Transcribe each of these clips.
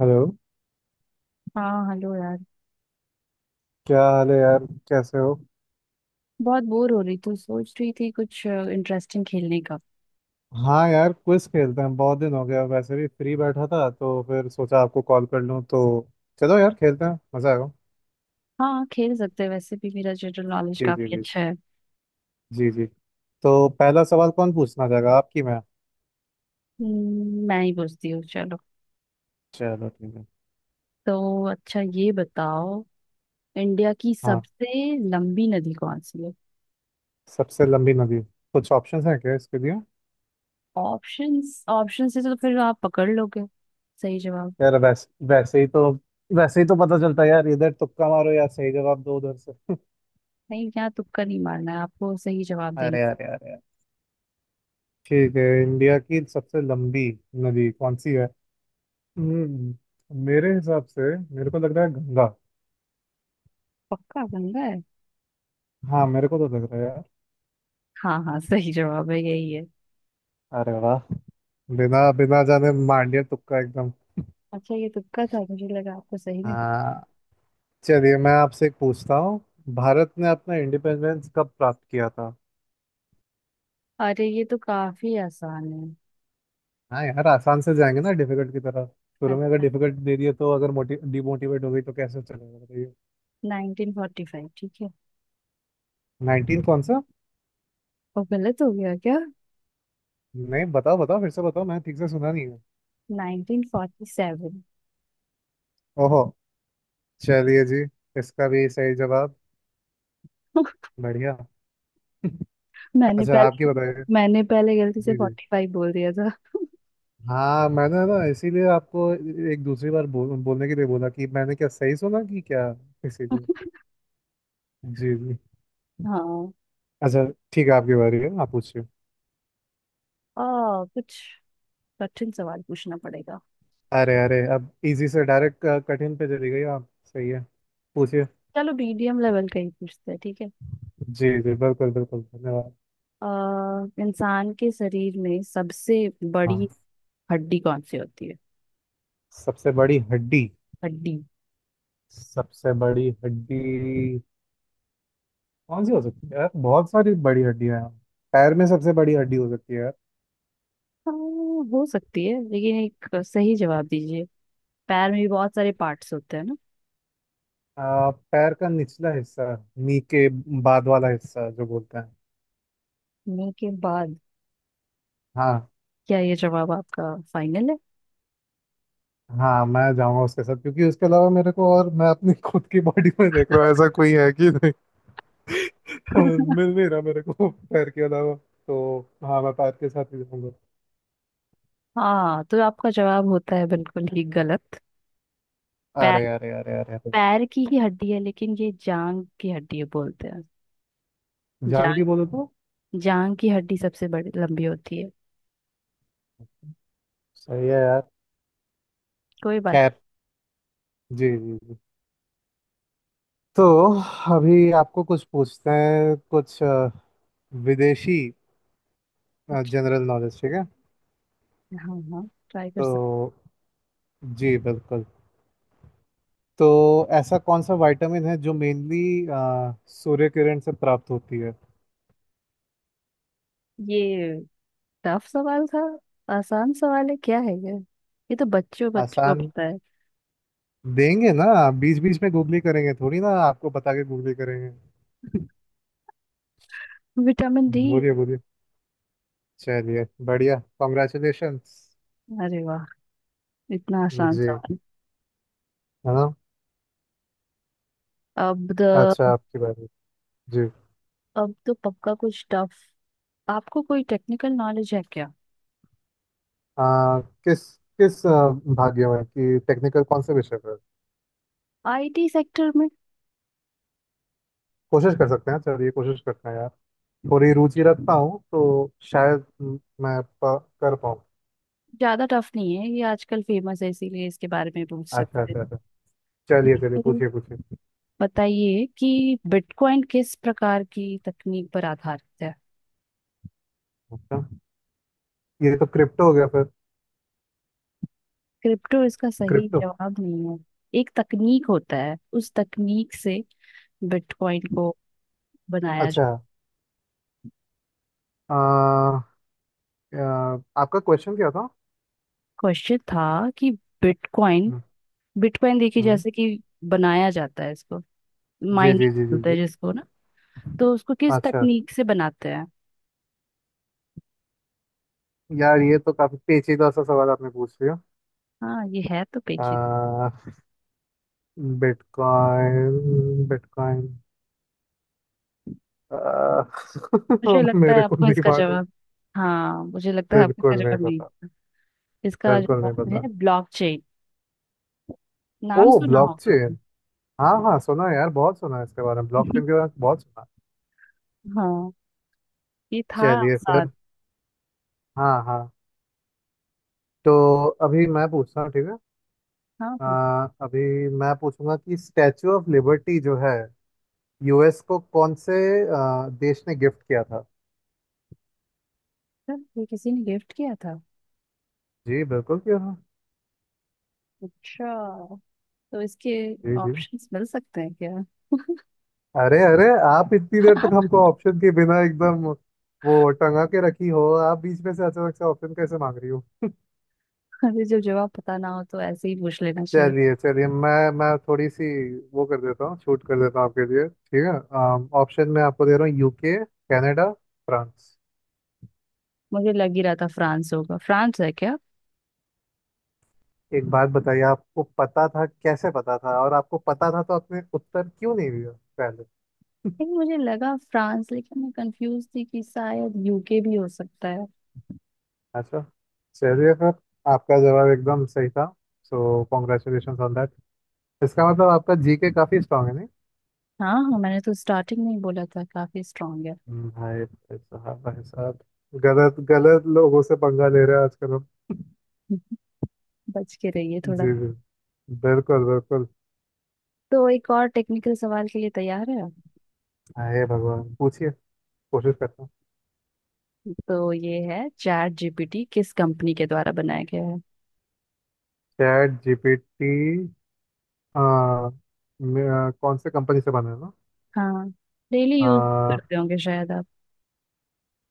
Hello. हाँ hello यार। क्या हाल है यार, कैसे हो? बहुत बोर हो रही थी, सोच रही थी कुछ इंटरेस्टिंग खेलने का। हाँ यार, क्विज खेलते हैं, बहुत दिन हो गया। वैसे भी फ्री बैठा था तो फिर सोचा आपको कॉल कर लूँ तो। चलो यार, खेलते हैं, मज़ा आएगा। हाँ खेल सकते हैं, वैसे भी मेरा जनरल नॉलेज जी, जी, काफी जी, अच्छा है। जी, जी। तो पहला सवाल कौन पूछना चाहेगा, आपकी मैं? मैं ही पूछती हूँ, चलो। चलो ठीक है। तो अच्छा ये बताओ, इंडिया की हाँ। सबसे लंबी नदी कौन सी है? सबसे लंबी नदी। कुछ ऑप्शंस हैं क्या इसके लिए? ऑप्शंस? ऑप्शन से तो फिर आप पकड़ लोगे सही जवाब। यार वैसे वैसे ही तो पता चलता है यार, इधर तुक्का मारो यार, सही जवाब दो उधर से। नहीं, यहाँ तुक्का नहीं मारना है, आपको सही जवाब देना। अरे, अरे, अरे, अरे। ठीक है, इंडिया की सबसे लंबी नदी कौन सी है? मेरे हिसाब से मेरे को लग रहा है गंगा। पक्का गंगा है। हाँ, मेरे को तो लग रहा है यार। हाँ हाँ, सही जवाब है, यही है। अरे वाह! बिना बिना जाने मान लिया, तुक्का एकदम। अच्छा, ये तुक्का था, मुझे लगा आपको सही में पता है। हाँ। चलिए, मैं आपसे एक पूछता हूँ। भारत ने अपना इंडिपेंडेंस कब प्राप्त किया था? अरे ये तो काफी आसान है। हाँ यार, आसान से जाएंगे ना डिफिकल्ट की तरफ। शुरू में अगर अच्छा, डिफिकल्ट दे दिए तो, अगर मोटिव डिमोटिवेट हो गई तो कैसे चलेगा, बताइए। 1945 ठीक है। नाइनटीन कौन सा? और गलत हो गया क्या? नहीं, बताओ, बताओ फिर से बताओ, मैंने ठीक से सुना नहीं है। 1947। ओहो। चलिए जी। इसका भी सही जवाब। बढ़िया। मैंने अच्छा, आपकी पहले, बताइए। मैंने पहले गलती से जी, जी। 45 बोल दिया था। हाँ, मैंने ना इसीलिए आपको एक दूसरी बार बोलने के लिए बोला कि मैंने क्या सही सुना कि क्या, इसीलिए। जी, जी। हाँ। अच्छा। ठीक है, आपकी बारी है, आप पूछिए। कुछ कठिन सवाल पूछना पड़ेगा। अरे, अरे, अब इजी से डायरेक्ट कठिन पे चली गई आप, सही है, पूछिए। चलो मीडियम लेवल का ही पूछते हैं ठीक है। जी, जी, बिल्कुल बिल्कुल, धन्यवाद। आ, इंसान के शरीर में सबसे बड़ी हाँ, हड्डी कौन सी होती है? सबसे बड़ी हड्डी। हड्डी। सबसे बड़ी हड्डी कौन सी हो सकती है यार, बहुत सारी बड़ी हड्डियां हैं। पैर में सबसे बड़ी हड्डी हो सकती है यार। हो सकती है, लेकिन एक सही जवाब दीजिए। पैर में भी बहुत सारे पार्ट्स होते हैं ना। पैर का निचला हिस्सा, नी के बाद वाला हिस्सा जो बोलते हैं। मुंह के बाद? हाँ। क्या ये जवाब आपका फाइनल है? हाँ, मैं जाऊंगा उसके साथ, क्योंकि उसके अलावा मेरे को और मैं अपनी खुद की बॉडी में देख रहा हूँ ऐसा कोई है कि नहीं। मिल नहीं रहा मेरे को पैर के अलावा तो। हाँ, मैं पैर के साथ ही जाऊंगा। हाँ तो आपका जवाब होता है बिल्कुल ही गलत। पैर, अरे, अरे, अरे, अरे, अरे। पैर की ही हड्डी है, लेकिन ये जांग की हड्डी है बोलते हैं। जान जांग। की बोले तो? जांग की हड्डी सबसे बड़ी लंबी होती है। सही है यार। कोई बात। खैर। जी, जी, जी। तो अभी आपको कुछ पूछते हैं, कुछ विदेशी अच्छा, जनरल नॉलेज, ठीक है। हाँ हाँ ट्राई कर तो जी बिल्कुल। तो ऐसा कौन सा विटामिन है जो मेनली सूर्य किरण से प्राप्त होती है? सकते। ये टफ सवाल था। आसान सवाल है क्या है ये? ये तो बच्चों बच्चों को आसान? पता है। देंगे ना, बीच बीच में गूगली करेंगे थोड़ी ना आपको बता के गूगली करेंगे। Vitamin D. बोलिए, बोलिए। चलिए, बढ़िया, कॉन्ग्रेचुलेशंस। अरे वाह, इतना आसान जी, है सवाल। ना? अब द, अच्छा, आपकी बारी। जी। अब तो पक्का कुछ टफ। आपको कोई टेक्निकल नॉलेज है क्या? आ, किस किस, भाग्य में कि टेक्निकल कौन से विषय पर? आईटी सेक्टर में। कोशिश कर सकते हैं, चलिए कोशिश करते हैं यार। थोड़ी रुचि रखता हूँ तो शायद मैं कर पाऊँ। ज्यादा टफ नहीं है, ये आजकल फेमस है, इसीलिए इसके बारे में पूछ अच्छा, सकते अच्छा, अच्छा। हैं। चलिए, चलिए, ये पूछिए, पूछिए। बताइए कि बिटकॉइन किस प्रकार की तकनीक पर आधारित है? अच्छा, ये तो क्रिप्टो हो गया फिर। क्रिप्टो इसका सही क्रिप्टो। जवाब नहीं है। एक तकनीक होता है, उस तकनीक से बिटकॉइन को बनाया जा। अच्छा, आ, अ, आपका क्वेश्चन क्या था? क्वेश्चन था कि बिटकॉइन, हम्म। बिटकॉइन देखिए, हम्म। जैसे कि बनाया जाता है इसको जी, माइनिंग जी, जी, जी, बोलते हैं जी। जिसको ना, तो उसको किस अच्छा, अच्छा। तकनीक से बनाते हैं? यार, ये तो काफी पेचीदा सा सवाल आपने पूछ लिया। हाँ ये है तो पेचीदा। Bitcoin, bitcoin. मुझे लगता है मेरे को आपको नहीं इसका मालूम। जवाब, हाँ मुझे लगता है आपको इसका बिल्कुल नहीं जवाब नहीं पता। पता। इसका बिल्कुल नहीं जवाब पता। है ब्लॉकचेन। ओ, नाम सुना होगा। ब्लॉकचेन। हाँ, हाँ, सुना है यार, बहुत सुना है इसके बारे में, ब्लॉकचेन के बारे में बहुत सुना है। हाँ, ये था चलिए आसान। फिर। हाँ, हाँ। तो अभी मैं पूछता हूँ, ठीक है। हाँ अ, पूछा। अभी मैं पूछूंगा कि स्टैचू ऑफ लिबर्टी जो है, यूएस को कौन से देश ने गिफ्ट किया था? ये किसी ने गिफ्ट किया था? जी बिल्कुल किया था। अच्छा, तो इसके जी, जी। ऑप्शंस मिल सकते हैं क्या? अरे, अरे, आप इतनी देर तक हमको ऑप्शन के बिना एकदम वो टंगा के रखी हो। आप बीच में से अचानक से ऑप्शन कैसे मांग रही हो? अरे जब जवाब पता ना हो तो ऐसे ही पूछ लेना चाहिए। चलिए, चलिए, मैं थोड़ी सी वो कर देता हूँ, छूट कर देता हूँ आपके लिए, ठीक है। ऑप्शन में आपको दे रहा हूँ: यूके, कनाडा, फ्रांस। मुझे लग ही रहा था फ्रांस होगा, फ्रांस है क्या? एक बात बताइए, आपको पता था? कैसे पता था? और आपको पता था तो आपने उत्तर क्यों नहीं दिया? लेकिन मुझे लगा फ्रांस, लेकिन मैं कंफ्यूज थी कि शायद यूके भी हो सकता है। अच्छा। चलिए फिर। आपका जवाब एकदम सही था। So congratulation on that. इसका मतलब आपका जीके काफी स्ट्रांग है, नहीं? हाँ हाँ, मैंने तो स्टार्टिंग में ही बोला था, काफी स्ट्रांग है। भाई, भाई साहब, भाई साहब। गलत गलत लोगों से पंगा ले रहे हैं आजकल हम। बच के रहिए थोड़ा। जी, जी, बिल्कुल, बिल्कुल। तो एक और टेक्निकल सवाल के लिए तैयार है आप? अरे भगवान, पूछिए। कोशिश करता हूँ। तो ये है, चैट जीपीटी किस कंपनी के द्वारा बनाया गया है? Chat GPT. हाँ। कौन से कंपनी से बना है ना? हाँ, डेली यूज आ, करते होंगे शायद आप।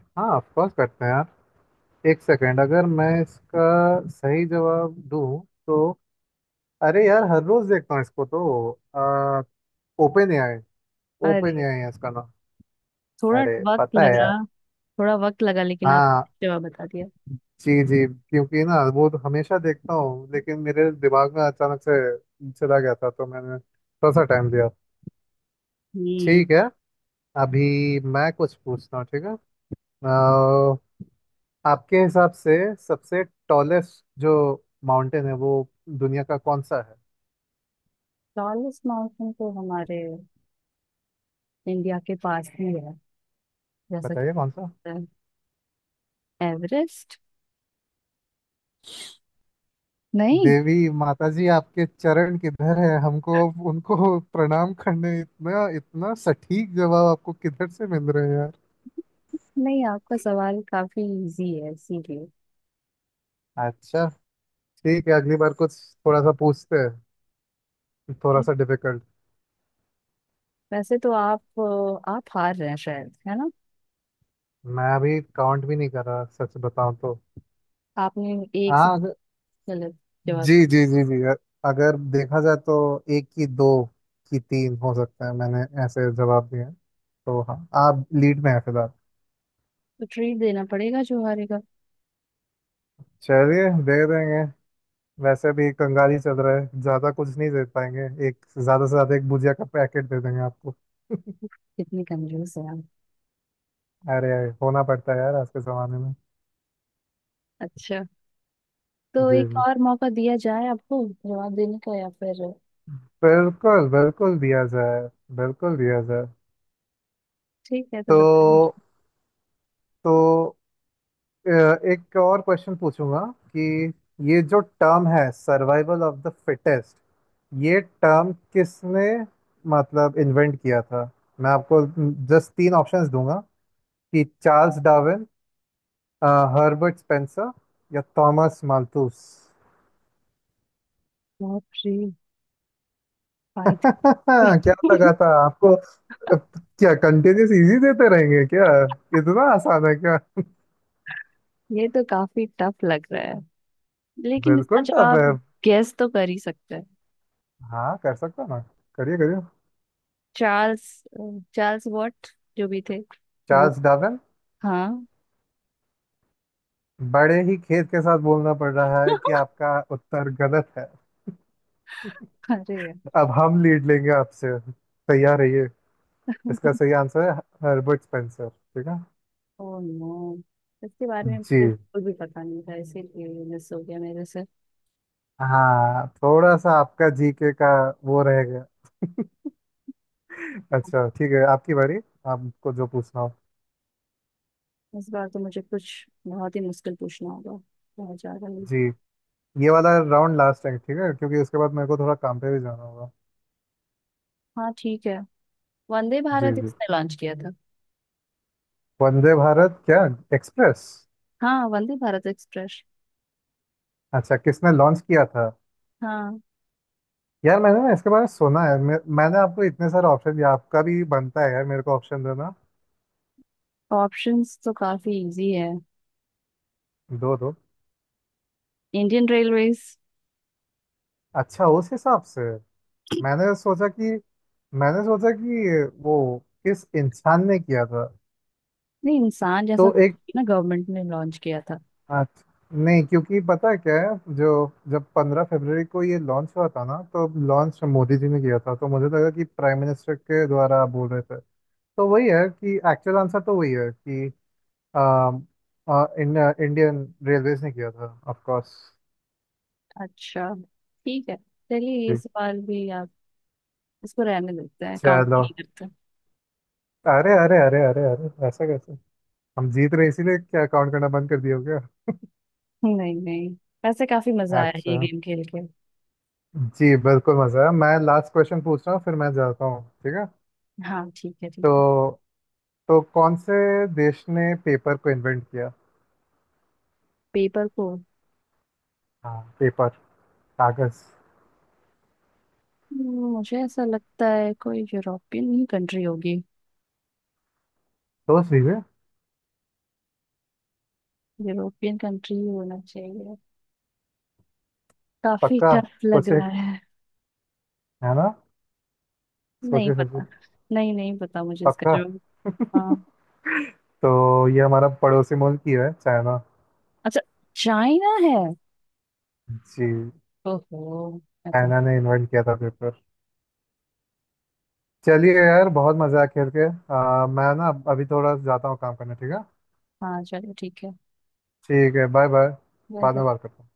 हाँ, ऑफ कोर्स करते हैं यार। एक सेकेंड, अगर मैं इसका सही जवाब दूँ तो। अरे यार, हर रोज देखता हूँ इसको तो, ओपन एआई। ओपन अरे एआई है इसका नाम। थोड़ा अरे वक्त पता है यार। लगा, थोड़ा वक्त लगा, लेकिन हाँ। आपने जवाब बता दिया। जी, जी, क्योंकि ना वो तो हमेशा देखता हूँ, लेकिन मेरे दिमाग में अचानक से चला गया था तो मैंने थोड़ा सा टाइम दिया। हम्म। ठीक है। अभी मैं कुछ पूछता हूँ, ठीक है। आ, आपके हिसाब से सबसे टॉलेस्ट जो माउंटेन है वो दुनिया का कौन सा है? टॉलेस्ट माउंटेन तो हमारे इंडिया के पास ही है, जैसा बताइए कि कौन सा। पता है। एवरेस्ट। नहीं, देवी माता जी, आपके चरण किधर है, हमको अब उनको प्रणाम करने, इतना इतना सटीक जवाब आपको किधर से मिल रहे हैं यार? नहीं, आपका सवाल काफी इजी है इसीलिए। अच्छा। ठीक है, अगली बार कुछ थोड़ा सा पूछते हैं, थोड़ा सा डिफिकल्ट। वैसे तो आप हार रहे हैं शायद, है ना? मैं अभी काउंट भी नहीं कर रहा, सच बताऊं तो। आपने एक हाँ, गलत जवाब। जी, जी, जी, जी। अगर देखा जाए तो एक की दो की तीन हो सकता है मैंने ऐसे जवाब दिए हैं। तो हाँ, आप लीड में हैं फिलहाल। तो ट्रीट देना पड़ेगा जो हारेगा। चलिए, दे देंगे। वैसे भी कंगाली चल रहा है, ज्यादा कुछ नहीं दे पाएंगे। एक, ज्यादा से ज्यादा एक भुजिया का पैकेट दे देंगे आपको। कितनी कंजूस है आप। अरे, अरे, होना पड़ता है यार आज के जमाने में। अच्छा, तो जी, एक जी, और मौका दिया जाए आपको जवाब देने का या फिर? बिल्कुल, बिल्कुल दिया जाए, बिल्कुल दिया जाए। ठीक है तो तो बताएं। तो अ, एक और क्वेश्चन पूछूंगा कि ये जो टर्म है सर्वाइवल ऑफ द फिटेस्ट, ये टर्म किसने मतलब इन्वेंट किया था? मैं आपको जस्ट तीन ऑप्शंस दूंगा: कि चार्ल्स डार्विन, हर्बर्ट स्पेंसर, या थॉमस माल्थus। बहुत फ्री फाइट। क्या लगा था आपको? क्या कंटिन्यूस इजी देते रहेंगे क्या? इतना आसान है क्या? ये तो काफी टफ लग रहा है, लेकिन इसका बिल्कुल टफ है। जवाब गेस तो कर ही सकते हैं। हाँ, कर सकता हूँ ना। करिए, करिए। चार्ल्स, चार्ल्स वॉट जो भी थे, वो। Charles Darwin. हाँ। बड़े ही खेद के साथ बोलना पड़ रहा है कि आपका उत्तर गलत है। अरे यार, अब हम लीड लेंगे आपसे, तैयार रहिए। इसका सही आंसर है हर्बर्ट स्पेंसर, ठीक है। ओ नो, इसके बारे में जी। मुझे बिल्कुल भी पता नहीं था, इसीलिए मिस हो गया मेरे से। हाँ, थोड़ा सा आपका जीके का वो रहेगा। अच्छा ठीक है, आपकी बारी, आपको जो पूछना हो। इस बार तो मुझे कुछ बहुत ही मुश्किल पूछना होगा, बहुत ज्यादा ही। जी। ये वाला राउंड लास्ट है, ठीक है, क्योंकि उसके बाद मेरे को थोड़ा काम पे भी जाना होगा। हाँ ठीक है। वंदे जी, भारत जी। इसने लॉन्च किया था। वंदे भारत क्या, एक्सप्रेस? हाँ, वंदे भारत एक्सप्रेस। अच्छा, किसने लॉन्च किया था? हाँ। यार, मैंने ना इसके बारे में सुना है, मैंने आपको इतने सारे ऑप्शन दिया, आपका भी बनता है यार मेरे को ऑप्शन देना। ऑप्शंस तो काफी इजी है। दो, दो। Indian Railways. अच्छा, उस हिसाब से मैंने सोचा कि मैंने सोचा कि वो किस इंसान ने किया था। नहीं, इंसान जैसा तो एक। कुछ ना, गवर्नमेंट ने लॉन्च किया था। अच्छा नहीं, क्योंकि पता है क्या है जो, जब 15 फरवरी को ये लॉन्च हुआ था ना, तो लॉन्च मोदी जी ने किया था, तो मुझे लगा कि प्राइम मिनिस्टर के द्वारा आप बोल रहे थे। तो वही है कि एक्चुअल आंसर तो वही है कि अम, अ, इन, इंडियन रेलवेज ने किया था ऑफ कोर्स। अच्छा ठीक है, चलिए ये जी। सवाल भी आप, इसको रहने देते हैं, काउंट चलो। नहीं करते। अरे, अरे, अरे, अरे, अरे, ऐसा कैसे? हम जीत रहे इसीलिए क्या काउंट करना बंद कर दिया हो क्या? नहीं नहीं, वैसे काफी मजा आया ये अच्छा। गेम खेल के। जी बिल्कुल, मजा है, मैं लास्ट क्वेश्चन पूछ रहा हूँ फिर मैं जाता हूँ, ठीक है। हाँ ठीक है, ठीक है। तो तो कौन से देश ने पेपर को इन्वेंट किया? पेपर को? हाँ, पेपर, कागज। मुझे ऐसा लगता है कोई यूरोपियन ही कंट्री होगी। सोच लीजिए। यूरोपियन कंट्री ही होना चाहिए। काफी पक्का? टफ लग सोचे? रहा है। है ना, नहीं सोचे, सोचे। पता, नहीं नहीं पता मुझे इसका पक्का? जवाब। हाँ। तो ये हमारा पड़ोसी मुल्क ही है, चाइना। अच्छा, चाइना है? जी। ओहो, मैं तो। चाइना ने इन्वेंट किया था पेपर। चलिए यार, बहुत मजा आया खेल के। मैं ना अभी थोड़ा जाता हूँ काम करने, ठीक है। हाँ चलो ठीक है। ठीक है, बाय, बाय। मैं बाद तो- में बात करता हूँ।